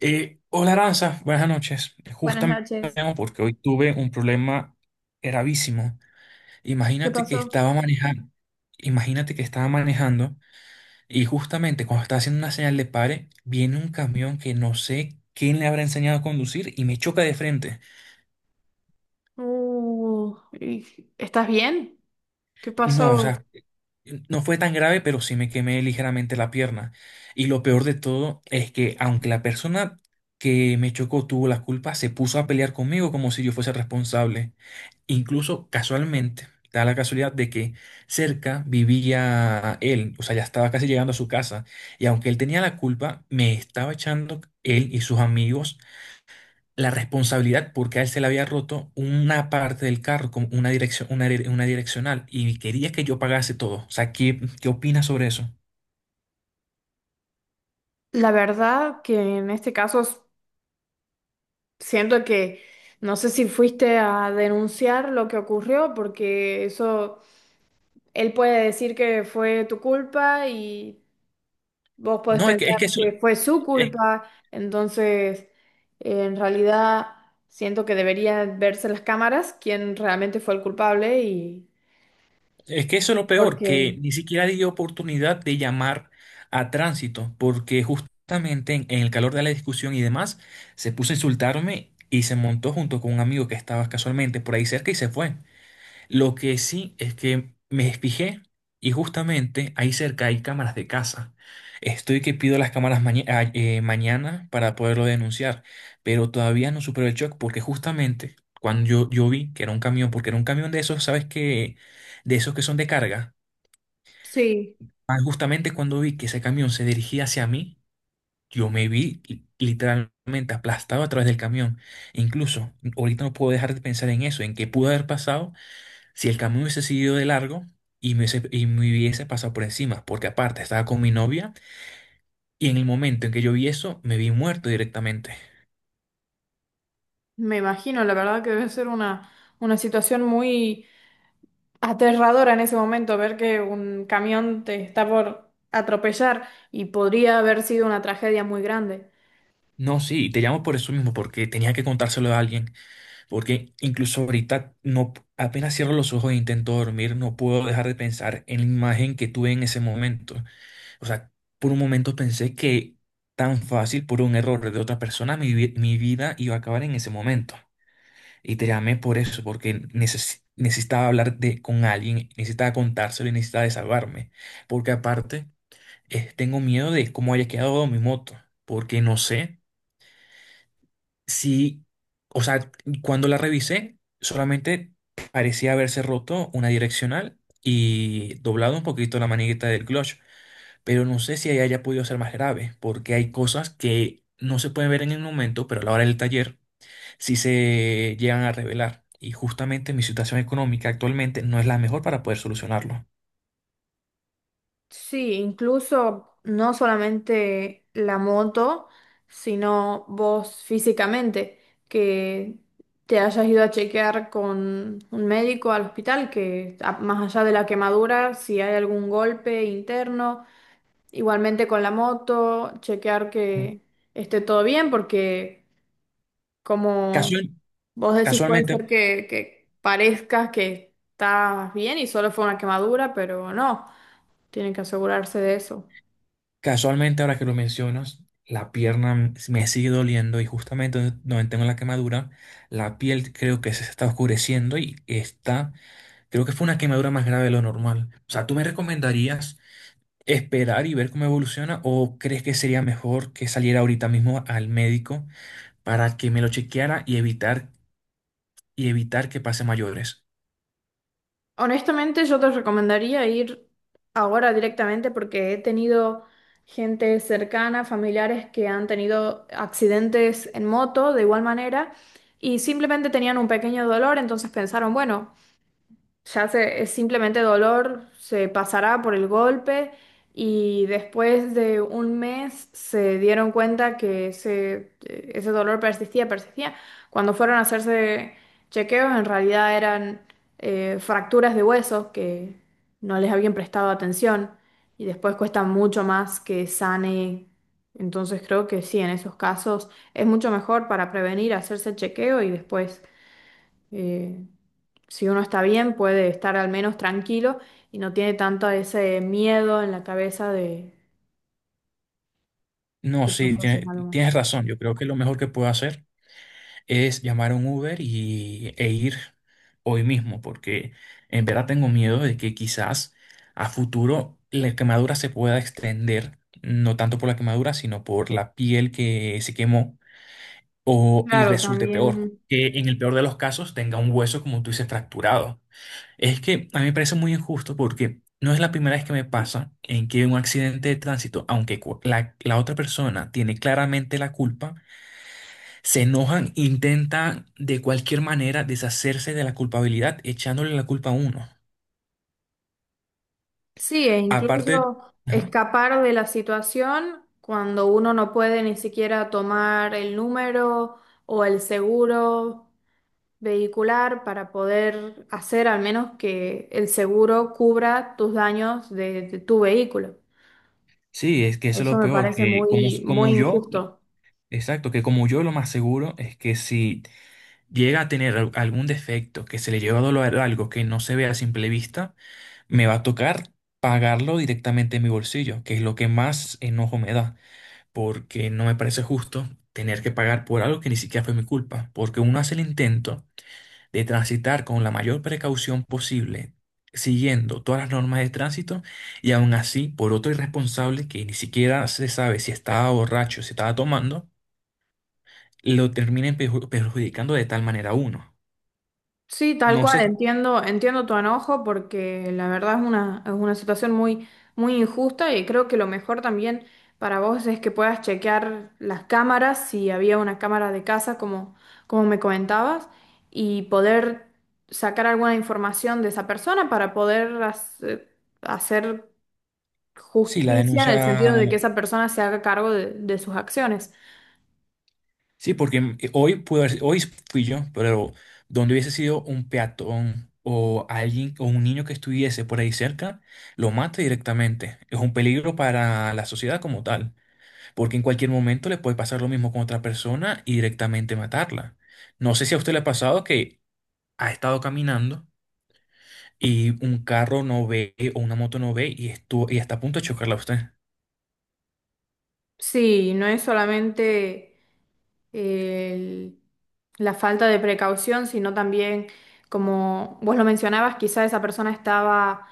Hola Aranza, buenas noches. Buenas Justamente te noches. llamo porque hoy tuve un problema gravísimo. ¿Qué Imagínate que pasó? estaba manejando, imagínate que estaba manejando y justamente cuando estaba haciendo una señal de pare, viene un camión que no sé quién le habrá enseñado a conducir y me choca de frente. Uh, y- ¿Estás bien? ¿Qué No, o pasó? sea, no fue tan grave, pero sí me quemé ligeramente la pierna. Y lo peor de todo es que aunque la persona que me chocó tuvo la culpa, se puso a pelear conmigo como si yo fuese responsable. Incluso casualmente, da la casualidad de que cerca vivía él, o sea, ya estaba casi llegando a su casa, y aunque él tenía la culpa, me estaba echando él y sus amigos la responsabilidad porque a él se le había roto una parte del carro, como una dirección, una direccional, y quería que yo pagase todo. O sea, ¿qué opinas sobre eso? La verdad que en este caso siento que no sé si fuiste a denunciar lo que ocurrió, porque eso él puede decir que fue tu culpa y vos podés No, es pensar que eso, que fue su culpa. Entonces, en realidad siento que deberían verse las cámaras quién realmente fue el culpable y Es que eso es lo peor, que porque ni siquiera dio oportunidad de llamar a tránsito, porque justamente en el calor de la discusión y demás, se puso a insultarme y se montó junto con un amigo que estaba casualmente por ahí cerca y se fue. Lo que sí es que me fijé y justamente ahí cerca hay cámaras de casa. Estoy que pido las cámaras mañana para poderlo denunciar, pero todavía no supero el shock porque justamente cuando yo vi que era un camión, porque era un camión de esos, ¿sabes qué? De esos que son de carga, sí. Justamente cuando vi que ese camión se dirigía hacia mí, yo me vi literalmente aplastado a través del camión. E incluso ahorita no puedo dejar de pensar en eso, en qué pudo haber pasado si el camión hubiese seguido de largo y me hubiese pasado por encima, porque aparte estaba con mi novia y en el momento en que yo vi eso, me vi muerto directamente. Me imagino, la verdad que debe ser una situación muy aterradora en ese momento, ver que un camión te está por atropellar y podría haber sido una tragedia muy grande. No, sí, te llamo por eso mismo, porque tenía que contárselo a alguien, porque incluso ahorita no, apenas cierro los ojos e intento dormir, no puedo dejar de pensar en la imagen que tuve en ese momento. O sea, por un momento pensé que tan fácil, por un error de otra persona, mi vida iba a acabar en ese momento. Y te llamé por eso, porque necesitaba hablar de, con alguien, necesitaba contárselo y necesitaba desahogarme. Porque aparte, tengo miedo de cómo haya quedado mi moto, porque no sé si, o sea, cuando la revisé, solamente parecía haberse roto una direccional y doblado un poquito la manigueta del clutch, pero no sé si ahí haya podido ser más grave, porque hay cosas que no se pueden ver en el momento, pero a la hora del taller si se llegan a revelar. Y justamente mi situación económica actualmente no es la mejor para poder solucionarlo. Sí, incluso no solamente la moto, sino vos físicamente, que te hayas ido a chequear con un médico al hospital, que más allá de la quemadura, si hay algún golpe interno. Igualmente con la moto, chequear Mm. que esté todo bien, porque como Casual- vos decís, puede casualmente, ser que parezcas que estás bien y solo fue una quemadura, pero no, tienen que asegurarse de eso. Casualmente, ahora que lo mencionas, la pierna me sigue doliendo y justamente donde tengo la quemadura, la piel creo que se está oscureciendo y está, creo que fue una quemadura más grave de lo normal. O sea, ¿tú me recomendarías esperar y ver cómo evoluciona o crees que sería mejor que saliera ahorita mismo al médico para que me lo chequeara y evitar que pase mayores? Honestamente, yo te recomendaría ir ahora directamente, porque he tenido gente cercana, familiares que han tenido accidentes en moto de igual manera y simplemente tenían un pequeño dolor, entonces pensaron, bueno. Ya se, es simplemente dolor, se pasará por el golpe, y después de un mes se dieron cuenta que ese, ese dolor persistía, persistía. Cuando fueron a hacerse chequeos, en realidad eran fracturas de huesos que no les habían prestado atención y después cuesta mucho más que sane. Entonces creo que sí, en esos casos es mucho mejor para prevenir hacerse el chequeo, y después eh, si uno está bien, puede estar al menos tranquilo y no tiene tanto ese miedo en la cabeza de No, que sí, pasó si es algo más. tienes razón. Yo creo que lo mejor que puedo hacer es llamar a un Uber e ir hoy mismo, porque en verdad tengo miedo de que quizás a futuro la quemadura se pueda extender, no tanto por la quemadura, sino por la piel que se quemó o, y Claro, resulte peor. también Que en el peor de los casos tenga un hueso, como tú dices, fracturado. Es que a mí me parece muy injusto porque no es la primera vez que me pasa en que un accidente de tránsito, aunque la otra persona tiene claramente la culpa, se enojan, intentan de cualquier manera deshacerse de la culpabilidad, echándole la culpa a uno. sí, e Aparte, incluso ajá, escapar de la situación cuando uno no puede ni siquiera tomar el número o el seguro vehicular para poder hacer al menos que el seguro cubra tus daños de tu vehículo. sí, es que eso es Eso lo me peor, parece que muy, muy injusto. exacto, que como yo lo más seguro es que si llega a tener algún defecto, que se le lleva a doler algo que no se ve a simple vista, me va a tocar pagarlo directamente en mi bolsillo, que es lo que más enojo me da, porque no me parece justo tener que pagar por algo que ni siquiera fue mi culpa, porque uno hace el intento de transitar con la mayor precaución posible, siguiendo todas las normas de tránsito, y aún así, por otro irresponsable que ni siquiera se sabe si estaba borracho, si estaba tomando, lo terminen perjudicando de tal manera a uno. Sí, tal No cual, sé entiendo, entiendo tu enojo porque la verdad es una situación muy, muy injusta, y creo que lo mejor también para vos es que puedas chequear las cámaras, si había una cámara de casa, como, como me comentabas, y poder sacar alguna información de esa persona para poder hacer si la justicia en el sentido denuncia. de que esa persona se haga cargo de sus acciones. Sí, porque hoy hoy fui yo, pero donde hubiese sido un peatón o alguien o un niño que estuviese por ahí cerca, lo mata directamente. Es un peligro para la sociedad como tal, porque en cualquier momento le puede pasar lo mismo con otra persona y directamente matarla. No sé si a usted le ha pasado que ha estado caminando y un carro no ve o una moto no ve y estuvo y está a punto de chocarla a usted. Sí, no es solamente el- la falta de precaución, sino también, como vos lo mencionabas, quizá esa persona estaba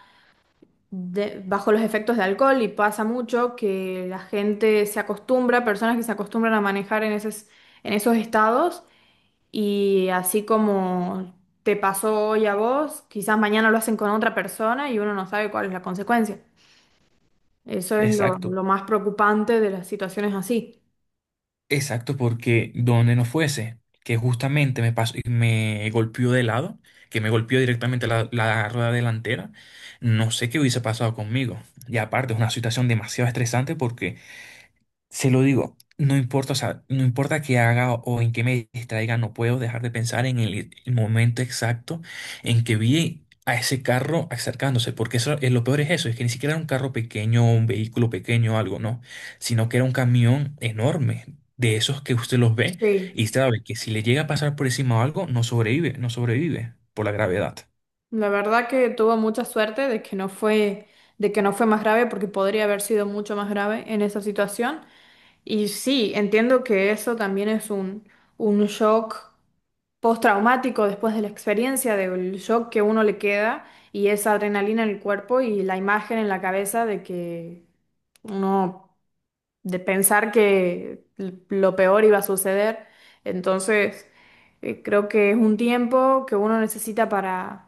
bajo los efectos de alcohol, y pasa mucho que la gente se acostumbra, personas que se acostumbran a manejar en esos estados, y así como te pasó hoy a vos, quizás mañana lo hacen con otra persona y uno no sabe cuál es la consecuencia. Eso es Exacto. lo más preocupante de las situaciones así. Exacto, porque donde no fuese, que justamente me pasó, me golpeó de lado, que me golpeó directamente la rueda delantera, no sé qué hubiese pasado conmigo. Y aparte, es una situación demasiado estresante porque se lo digo, no importa, o sea, no importa qué haga o en qué me distraiga, no puedo dejar de pensar en el momento exacto en que vi a ese carro acercándose, porque eso, lo peor es eso, es que ni siquiera era un carro pequeño, un vehículo pequeño o algo, no, sino que era un camión enorme, de esos que usted los ve Sí. y sabe que si le llega a pasar por encima o algo, no sobrevive, no sobrevive por la gravedad. La verdad que tuvo mucha suerte de que no fue, de que no fue más grave, porque podría haber sido mucho más grave en esa situación. Y sí, entiendo que eso también es un shock postraumático después de la experiencia, del shock que uno le queda y esa adrenalina en el cuerpo y la imagen en la cabeza de que uno, de pensar que lo peor iba a suceder. Entonces, creo que es un tiempo que uno necesita para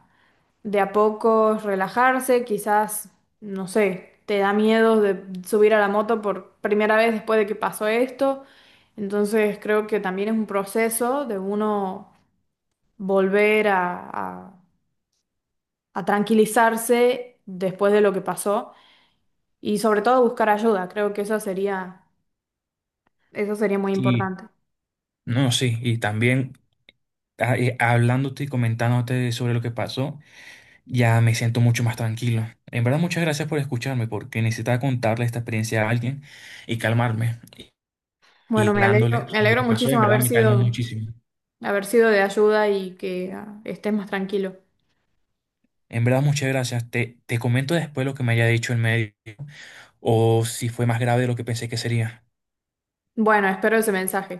de a poco relajarse, quizás, no sé, te da miedo de subir a la moto por primera vez después de que pasó esto. Entonces creo que también es un proceso de uno volver a, a- a tranquilizarse después de lo que pasó y sobre todo buscar ayuda. Creo que eso sería muy Y importante. no, sí, y también hablándote y comentándote sobre lo que pasó. Ya me siento mucho más tranquilo. En verdad, muchas gracias por escucharme, porque necesitaba contarle esta experiencia a alguien y calmarme. Bueno, Y hablándole me de lo alegro que pasó, muchísimo en verdad me calmó muchísimo. haber sido de ayuda y que estés más tranquilo. En verdad, muchas gracias. Te comento después lo que me haya dicho el médico o si fue más grave de lo que pensé que sería. Bueno, espero ese mensaje.